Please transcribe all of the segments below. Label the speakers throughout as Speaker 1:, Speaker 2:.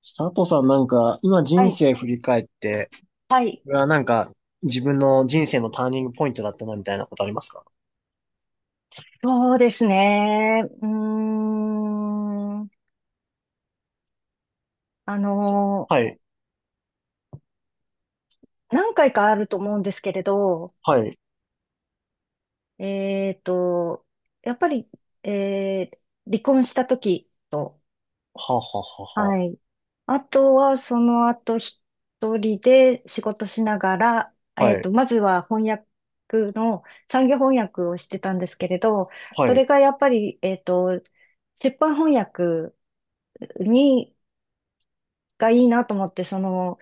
Speaker 1: 佐藤さんなんか、今
Speaker 2: は
Speaker 1: 人
Speaker 2: い。
Speaker 1: 生振り返って、
Speaker 2: はい。
Speaker 1: これはなんか、自分の人生のターニングポイントだったなみたいなことありますか？
Speaker 2: そうですね。うーん。あの
Speaker 1: はい、
Speaker 2: 何回かあると思うんですけれど、
Speaker 1: はい、
Speaker 2: えっと、やっぱり、えー離婚した時と、
Speaker 1: はは
Speaker 2: は
Speaker 1: は
Speaker 2: い。あとは、その後、一人で仕事しながら、
Speaker 1: は、はい、
Speaker 2: まずは翻訳の、産業翻訳をしてたんですけれど、
Speaker 1: は
Speaker 2: それ
Speaker 1: い、
Speaker 2: がやっぱり、出版翻訳に、がいいなと思って、その、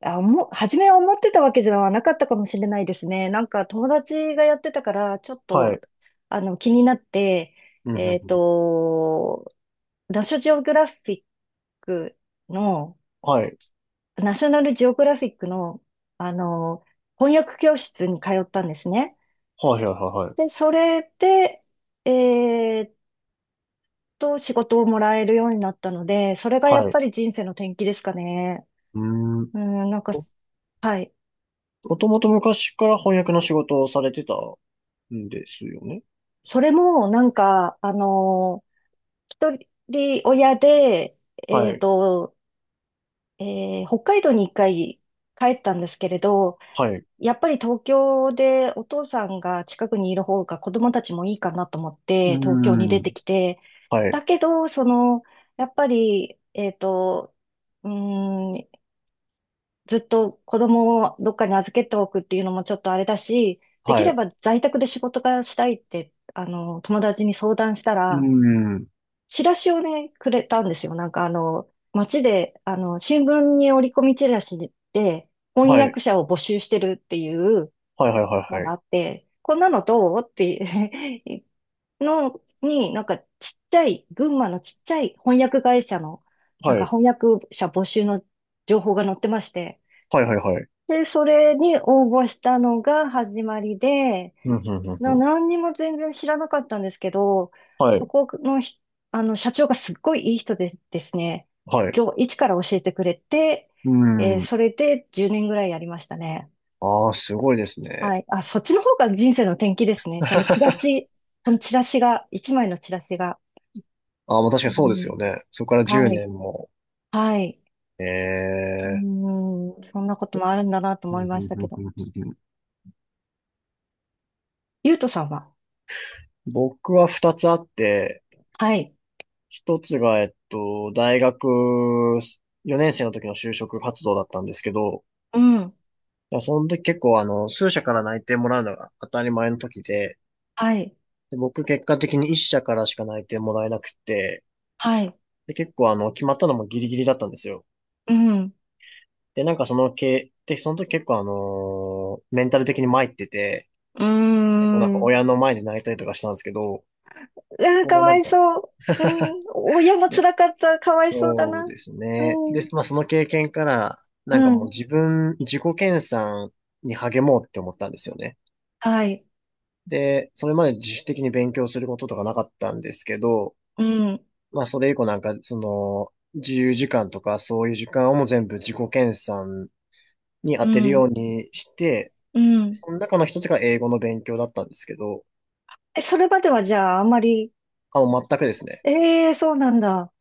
Speaker 2: あ、もう、初めは思ってたわけじゃなかったかもしれないですね。なんか友達がやってたから、ちょっ
Speaker 1: は
Speaker 2: と、
Speaker 1: い、
Speaker 2: 気になって、
Speaker 1: うん、うん、う
Speaker 2: えっ
Speaker 1: ん、
Speaker 2: と、ナショジオグラフィックの、
Speaker 1: はい、
Speaker 2: ナショナルジオグラフィックの、あの、翻訳教室に通ったんですね。
Speaker 1: はい、はい、は
Speaker 2: で、
Speaker 1: い、
Speaker 2: それで、えっ仕事をもらえるようになったので、それがやっ
Speaker 1: はい、
Speaker 2: ぱり人生の転機ですかね。
Speaker 1: うーん。
Speaker 2: うん、なんか、
Speaker 1: も
Speaker 2: はい。
Speaker 1: もともと昔から翻訳の仕事をされてたんですよね？
Speaker 2: それも、なんか、一人親で、え
Speaker 1: は
Speaker 2: っ
Speaker 1: い、
Speaker 2: と、北海道に一回帰ったんですけれど、
Speaker 1: はい、う
Speaker 2: やっぱり東京でお父さんが近くにいる方が子供たちもいいかなと思っ
Speaker 1: ー
Speaker 2: て東京に出て
Speaker 1: ん、
Speaker 2: きて、
Speaker 1: は
Speaker 2: だ
Speaker 1: い、
Speaker 2: けど、その、やっぱり、うーん、ずっと子供をどっかに預けておくっていうのもちょっとあれだし、でき
Speaker 1: は
Speaker 2: れ
Speaker 1: い、
Speaker 2: ば在宅で仕事がしたいって、友達に相談した
Speaker 1: うー
Speaker 2: ら、
Speaker 1: ん、
Speaker 2: チラシをね、くれたんですよ。なんか街で、新聞に折り込みチラシで、翻
Speaker 1: はい、
Speaker 2: 訳者を募集してるっていう
Speaker 1: はい、はい、
Speaker 2: の
Speaker 1: は
Speaker 2: があ
Speaker 1: い、
Speaker 2: って、こんなのどうっていう のに、なんかちっちゃい、群馬のちっちゃい翻訳会社の、なん
Speaker 1: は
Speaker 2: か
Speaker 1: い、
Speaker 2: 翻訳者募集の情報が載ってまして、
Speaker 1: はい、はい、はい、はい、
Speaker 2: で、それに応募したのが始まりで、
Speaker 1: うん、うん、うん、うん、
Speaker 2: 何にも全然知らなかったんですけど、
Speaker 1: は
Speaker 2: そ
Speaker 1: い、
Speaker 2: このひ、社長がすっごいいい人でですね、
Speaker 1: はい、う
Speaker 2: 今日、一から教えてくれて、
Speaker 1: ーん。
Speaker 2: それで10年ぐらいやりましたね。
Speaker 1: ああ、すごいです
Speaker 2: は
Speaker 1: ね。
Speaker 2: い。あ、そっちの方が人生の転機ですね。そのチラシが、一枚のチラシが。
Speaker 1: ああ、もう確か
Speaker 2: う
Speaker 1: にそうです
Speaker 2: ん、
Speaker 1: よね。そこから10
Speaker 2: はい。
Speaker 1: 年も。
Speaker 2: はい。
Speaker 1: え
Speaker 2: う
Speaker 1: え。
Speaker 2: ん、そんなこともあるんだなと
Speaker 1: ふ
Speaker 2: 思い
Speaker 1: ん
Speaker 2: ま
Speaker 1: ふ
Speaker 2: し
Speaker 1: ん
Speaker 2: た
Speaker 1: ふ
Speaker 2: け
Speaker 1: んふ
Speaker 2: ど。
Speaker 1: んふんふん。
Speaker 2: ゆうとさんは？
Speaker 1: 僕は2つあって、
Speaker 2: はい。
Speaker 1: 1つが、大学4年生の時の就職活動だったんですけど、
Speaker 2: うん。
Speaker 1: いやその時結構数社から内定もらうのが当たり前の時で、
Speaker 2: はい。
Speaker 1: で僕結果的に1社からしか内定もらえなくて、
Speaker 2: はい。
Speaker 1: で結構決まったのもギリギリだったんですよ。
Speaker 2: うん。
Speaker 1: で、なんかそのけ、で、その時結構メンタル的に参ってて、
Speaker 2: うー
Speaker 1: 結構なんか
Speaker 2: ん。
Speaker 1: 親の前で泣いたりとかしたんですけど、
Speaker 2: うわー、か
Speaker 1: こう
Speaker 2: わ
Speaker 1: なん
Speaker 2: い
Speaker 1: か、
Speaker 2: そう。うん。親も
Speaker 1: ね、
Speaker 2: 辛かった。かわいそうだ
Speaker 1: そ
Speaker 2: な。
Speaker 1: うですね。で、
Speaker 2: うん。
Speaker 1: まあその経験から、なん
Speaker 2: う
Speaker 1: かもう
Speaker 2: ん。
Speaker 1: 自己研鑽に励もうって思ったんですよね。
Speaker 2: はい。
Speaker 1: で、それまで自主的に勉強することとかなかったんですけど、
Speaker 2: うん。
Speaker 1: まあそれ以降なんか、自由時間とかそういう時間をもう全部自己研鑽に当
Speaker 2: う
Speaker 1: てる
Speaker 2: ん。
Speaker 1: ようにして、
Speaker 2: うん。
Speaker 1: その中の一つが英語の勉強だったんですけど、
Speaker 2: え、それまではじゃあ、あまり？
Speaker 1: あ、もう全くですね。
Speaker 2: ええー、そうなんだ。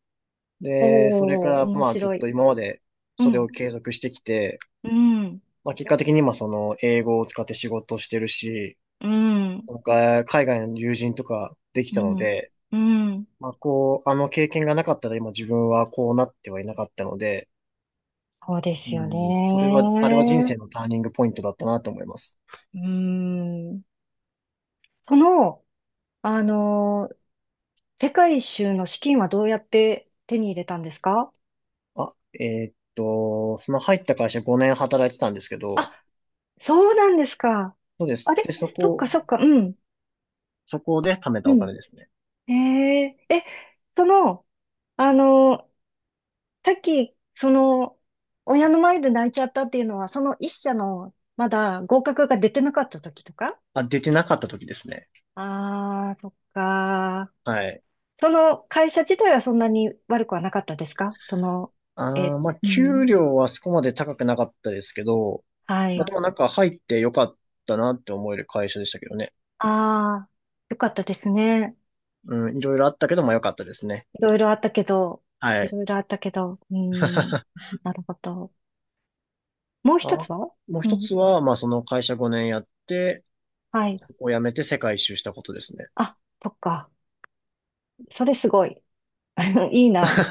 Speaker 1: で、それか
Speaker 2: おー、
Speaker 1: ら
Speaker 2: 面
Speaker 1: まあずっ
Speaker 2: 白
Speaker 1: と
Speaker 2: い。
Speaker 1: 今まで
Speaker 2: う
Speaker 1: それを
Speaker 2: ん。
Speaker 1: 継続してきて、
Speaker 2: うん。
Speaker 1: まあ結果的に今その英語を使って仕事をしてるし、
Speaker 2: うん。
Speaker 1: なんか海外の友人とかでき
Speaker 2: う
Speaker 1: たの
Speaker 2: ん。
Speaker 1: で、
Speaker 2: うん。
Speaker 1: まあこう、あの経験がなかったら今自分はこうなってはいなかったので、
Speaker 2: そうで
Speaker 1: う
Speaker 2: すよ
Speaker 1: ん、それは、あれは人生
Speaker 2: ね。
Speaker 1: のターニングポイントだったなと思います。
Speaker 2: うーん。その、あの世界一周の資金はどうやって手に入れたんですか？
Speaker 1: あ、その入った会社5年働いてたんですけど、
Speaker 2: あ、そうなんですか。
Speaker 1: そうで
Speaker 2: あ
Speaker 1: す。で、
Speaker 2: れ？
Speaker 1: そ
Speaker 2: そっ
Speaker 1: こ、
Speaker 2: かそっか、うん、
Speaker 1: そこで貯めた
Speaker 2: う
Speaker 1: お
Speaker 2: ん。
Speaker 1: 金ですね。
Speaker 2: えええ、その、あの、さっき、その、親の前で泣いちゃったっていうのは、その一社の、まだ合格が出てなかった時とか？
Speaker 1: あ、出てなかった時ですね。
Speaker 2: ああー、そっか。
Speaker 1: はい。
Speaker 2: その会社自体はそんなに悪くはなかったですか？その、
Speaker 1: あ
Speaker 2: え、
Speaker 1: あ、まあ、
Speaker 2: うん、
Speaker 1: 給料はそこまで高くなかったですけど、
Speaker 2: は
Speaker 1: まあ、
Speaker 2: い。
Speaker 1: でもなんか入ってよかったなって思える会社でしたけどね。
Speaker 2: ああ、よかったですね。
Speaker 1: うん、いろいろあったけど、まあ、よかったですね。
Speaker 2: いろいろあったけど、
Speaker 1: は
Speaker 2: い
Speaker 1: い。
Speaker 2: ろいろあったけど、うん、なるほど。もう
Speaker 1: あ、
Speaker 2: 一つは？
Speaker 1: もう
Speaker 2: う
Speaker 1: 一
Speaker 2: ん。
Speaker 1: つは、まあ、その会社5年やって、
Speaker 2: はい。
Speaker 1: そこを辞めて世界一周したことですね。
Speaker 2: あ、そっか。それすごい。いいな。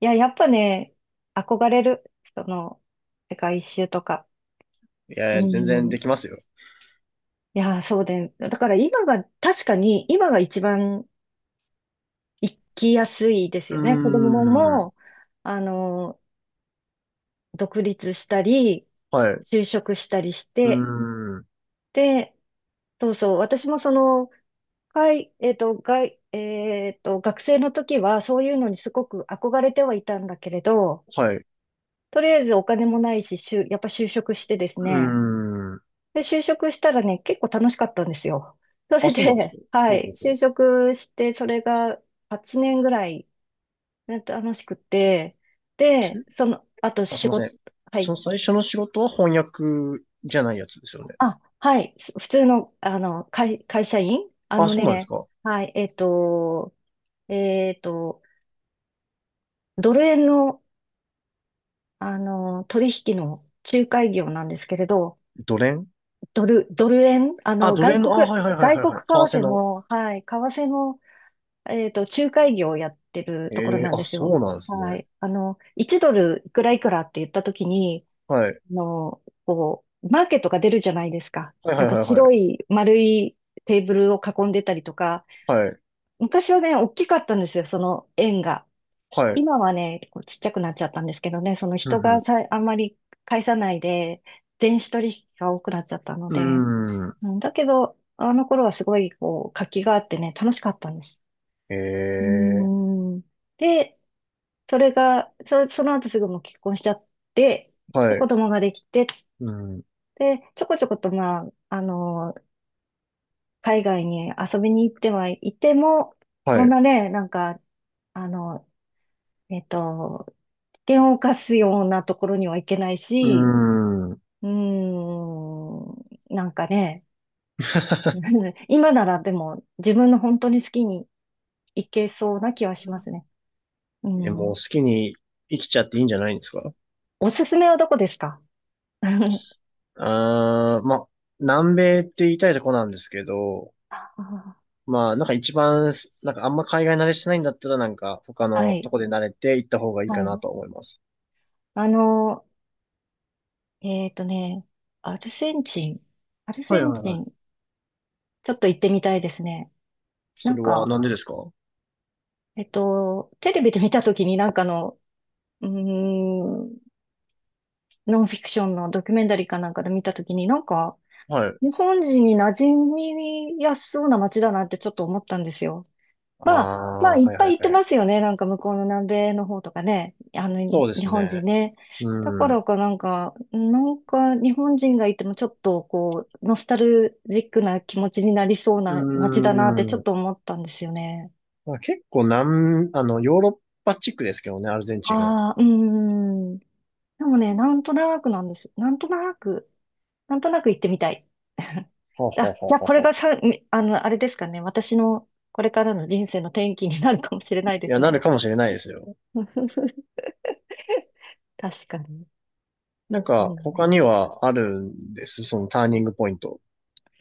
Speaker 2: いや、やっぱね、憧れる。その、世界一周とか。
Speaker 1: い
Speaker 2: う
Speaker 1: やいや、全然
Speaker 2: ん。
Speaker 1: できますよ。
Speaker 2: いや、そうで、だから今が、確かに今が一番行きやすいです
Speaker 1: う
Speaker 2: よね。子供も
Speaker 1: ーん。
Speaker 2: も、あの、独立したり、
Speaker 1: はい。う
Speaker 2: 就職したりし
Speaker 1: ー
Speaker 2: て、
Speaker 1: ん。
Speaker 2: で、そうそう、私もその、はい、えっと、がい、えっと、学生の時はそういうのにすごく憧れてはいたんだけれど、
Speaker 1: はい。
Speaker 2: とりあえずお金もないし、やっぱ就職してです
Speaker 1: う
Speaker 2: ね。
Speaker 1: ーん。
Speaker 2: で、就職したらね、結構楽しかったんですよ。そ
Speaker 1: あ、
Speaker 2: れ
Speaker 1: そ
Speaker 2: で、
Speaker 1: うなんです よ。
Speaker 2: は
Speaker 1: ほう
Speaker 2: い、
Speaker 1: ほうほう。
Speaker 2: 就職して、それが8年ぐらいなんか楽しくて、
Speaker 1: し
Speaker 2: で、その、あと
Speaker 1: あ、すい
Speaker 2: 仕
Speaker 1: ませ
Speaker 2: 事、
Speaker 1: ん。
Speaker 2: は
Speaker 1: そ
Speaker 2: い、
Speaker 1: の最初の仕事は翻訳じゃないやつですよね。
Speaker 2: あ、はい、普通の、あの、会社員あ
Speaker 1: あ、
Speaker 2: の
Speaker 1: そうなんです
Speaker 2: ね、
Speaker 1: か。
Speaker 2: はい、えっと、ドル円の取引の仲介業なんですけれど、
Speaker 1: ドレン。
Speaker 2: ドル円、
Speaker 1: あ、ドレンの、あ、はいはいはい
Speaker 2: 外
Speaker 1: はい
Speaker 2: 国
Speaker 1: はい。為
Speaker 2: 為
Speaker 1: 替
Speaker 2: 替
Speaker 1: の。
Speaker 2: の、はい、為替の、仲介業をやってるところ
Speaker 1: ええ、
Speaker 2: なん
Speaker 1: あ、
Speaker 2: です
Speaker 1: そう
Speaker 2: よ。
Speaker 1: なんですね。
Speaker 2: はい。あの、1ドルいくらいくらって言ったときに、
Speaker 1: はい。
Speaker 2: マーケットが出るじゃないですか。
Speaker 1: はいは
Speaker 2: な
Speaker 1: い
Speaker 2: んか
Speaker 1: はいは
Speaker 2: 白
Speaker 1: い。
Speaker 2: い丸いテーブルを囲んでたりとか、
Speaker 1: はい。
Speaker 2: 昔はね、大きかったんですよ、その円が。
Speaker 1: はい。
Speaker 2: 今はね、こうちっちゃくなっちゃったんですけどね、その
Speaker 1: う
Speaker 2: 人が
Speaker 1: ん
Speaker 2: さ、あんまり介さないで、電子取引が多くなっちゃったの
Speaker 1: う
Speaker 2: で、
Speaker 1: ん。うーん。
Speaker 2: うん。だけど、あの頃はすごいこう活気があってね、楽しかったんです。う
Speaker 1: ええ、
Speaker 2: ーん。で、それが、そ、その後すぐもう結婚しちゃって、で、
Speaker 1: は
Speaker 2: 子
Speaker 1: い。
Speaker 2: 供ができて、
Speaker 1: うん。
Speaker 2: で、ちょこちょこと、まあ、あの、海外に遊びに行ってはいても、
Speaker 1: は
Speaker 2: そん
Speaker 1: い。
Speaker 2: なね、なんか、あの、えっと、険を冒すようなところには行けない
Speaker 1: う
Speaker 2: し、
Speaker 1: ーん。
Speaker 2: うーん、なんかね、今ならでも自分の本当に好きに行けそうな気はしますね。う
Speaker 1: え、もう
Speaker 2: ん。
Speaker 1: 好きに生きちゃっていいんじゃないんですか？
Speaker 2: おすすめはどこですか？ あ
Speaker 1: あー、ま、南米って言いたいとこなんですけど、
Speaker 2: あ、
Speaker 1: まあ、なんか一番す、なんかあんま海外慣れしてないんだったらなんか他
Speaker 2: は
Speaker 1: のと
Speaker 2: い、
Speaker 1: こで慣れて行った方がいい
Speaker 2: は
Speaker 1: かな
Speaker 2: い。
Speaker 1: と思います。
Speaker 2: あの、えっとね、アルゼンチン。アル
Speaker 1: は
Speaker 2: ゼ
Speaker 1: い
Speaker 2: ン
Speaker 1: はい
Speaker 2: チ
Speaker 1: はい。
Speaker 2: ン、ちょっと行ってみたいですね。な
Speaker 1: そ
Speaker 2: ん
Speaker 1: れは
Speaker 2: か、
Speaker 1: なんでですか？は
Speaker 2: テレビで見たときになんかの、うーん、ノンフィクションのドキュメンタリーかなんかで見たときに、なんか、
Speaker 1: い。
Speaker 2: 日本人に馴染みやすそうな街だなってちょっと思ったんですよ。まあ、まあ、
Speaker 1: あ
Speaker 2: い
Speaker 1: あ、
Speaker 2: っ
Speaker 1: はい
Speaker 2: ぱ
Speaker 1: は
Speaker 2: い
Speaker 1: い
Speaker 2: 行って
Speaker 1: はい。
Speaker 2: ますよね。なんか向こうの南米の方とかね。
Speaker 1: そうで
Speaker 2: 日
Speaker 1: す
Speaker 2: 本人
Speaker 1: ね。
Speaker 2: ね。だか
Speaker 1: う
Speaker 2: ら
Speaker 1: ん。
Speaker 2: かなんか、なんか日本人がいてもちょっとこう、ノスタルジックな気持ちになりそう
Speaker 1: う
Speaker 2: な街だなってちょっ
Speaker 1: ん。
Speaker 2: と思ったんですよね。
Speaker 1: まあ、結構ヨーロッパ地区ですけどね、アルゼンチンは。
Speaker 2: ああ、うーん。でもね、なんとなくなんです。なんとなく。なんとなく行ってみたい。
Speaker 1: はは
Speaker 2: あ、じ
Speaker 1: は
Speaker 2: ゃあこれ
Speaker 1: は
Speaker 2: が
Speaker 1: は。
Speaker 2: さ、みあの、あれですかね。私のこれからの人生の転機になるかもしれ
Speaker 1: い
Speaker 2: ないで
Speaker 1: や、
Speaker 2: す
Speaker 1: な
Speaker 2: ね。
Speaker 1: るかもしれないですよ。
Speaker 2: 確かに。
Speaker 1: なん
Speaker 2: う
Speaker 1: か、
Speaker 2: ん。
Speaker 1: 他にはあるんですそのターニングポイント？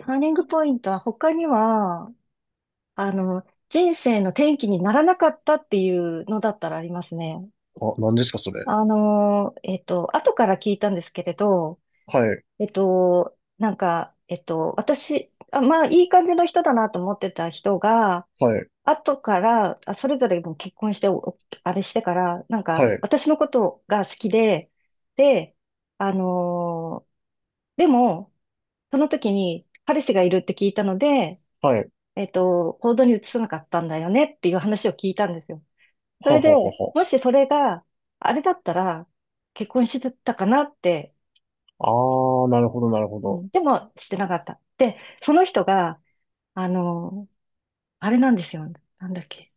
Speaker 2: ターニングポイントは他には、あの、人生の転機にならなかったっていうのだったらありますね。
Speaker 1: あ、何ですか、それ。
Speaker 2: 後から聞いたんですけれど、
Speaker 1: はい、
Speaker 2: 私、あ、まあ、いい感じの人だなと思ってた人が、
Speaker 1: はい、
Speaker 2: 後から、あ、それぞれもう結婚して、あれしてから、なん
Speaker 1: は
Speaker 2: か、
Speaker 1: い、
Speaker 2: 私のことが好きで、で、あのーでも、その時に彼氏がいるって聞いたので、
Speaker 1: はい。
Speaker 2: 行動に移さなかったんだよねっていう話を聞いたんですよ。そ
Speaker 1: は
Speaker 2: れで、
Speaker 1: ははは
Speaker 2: もしそれがあれだったら、結婚してたかなって、
Speaker 1: は。ああ、なるほど、なるほ
Speaker 2: う
Speaker 1: ど。
Speaker 2: ん。でもしてなかった。で、その人が、あのーあれなんですよ。なんだっけ。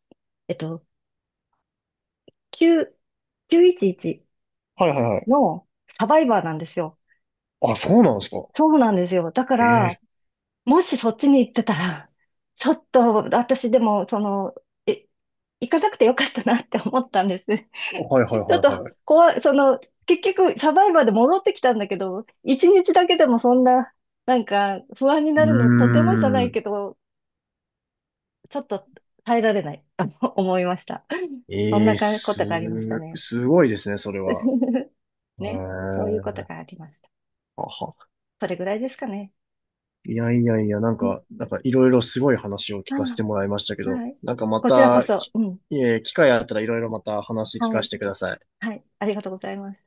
Speaker 2: えっと、9、911
Speaker 1: はいはいはい。
Speaker 2: のサバイバーなんですよ。
Speaker 1: あ、そうなんですか。
Speaker 2: そうなんですよ。だか
Speaker 1: へ
Speaker 2: ら、
Speaker 1: え。
Speaker 2: もしそっちに行ってたら、ちょっと私でも、その、え、行かなくてよかったなって思ったんです。
Speaker 1: はいはい
Speaker 2: ちょっ
Speaker 1: は
Speaker 2: と
Speaker 1: いはい。
Speaker 2: 怖い、その、結局サバイバーで戻ってきたんだけど、一日だけでもそんな、なんか不安に
Speaker 1: う
Speaker 2: な
Speaker 1: ー
Speaker 2: るのとてもじゃない
Speaker 1: ん。
Speaker 2: けど、ちょっと耐えられない、あの思いました。そん
Speaker 1: え
Speaker 2: な
Speaker 1: え、
Speaker 2: かこ
Speaker 1: す、
Speaker 2: とがありましたね。
Speaker 1: すごいですね、それは。へ
Speaker 2: ね、そういうこと
Speaker 1: え、
Speaker 2: がありました。
Speaker 1: はは。
Speaker 2: それぐらいですかね。
Speaker 1: いやいやいや、なんかいろいろすごい話を聞かせ
Speaker 2: あ、
Speaker 1: てもらいましたけど、
Speaker 2: はい。
Speaker 1: なんかま
Speaker 2: こちらこ
Speaker 1: た、
Speaker 2: そ、
Speaker 1: き
Speaker 2: うん。
Speaker 1: いえ、機会あったらいろいろまた話聞
Speaker 2: は
Speaker 1: か
Speaker 2: い。
Speaker 1: せてください。
Speaker 2: はい。ありがとうございます。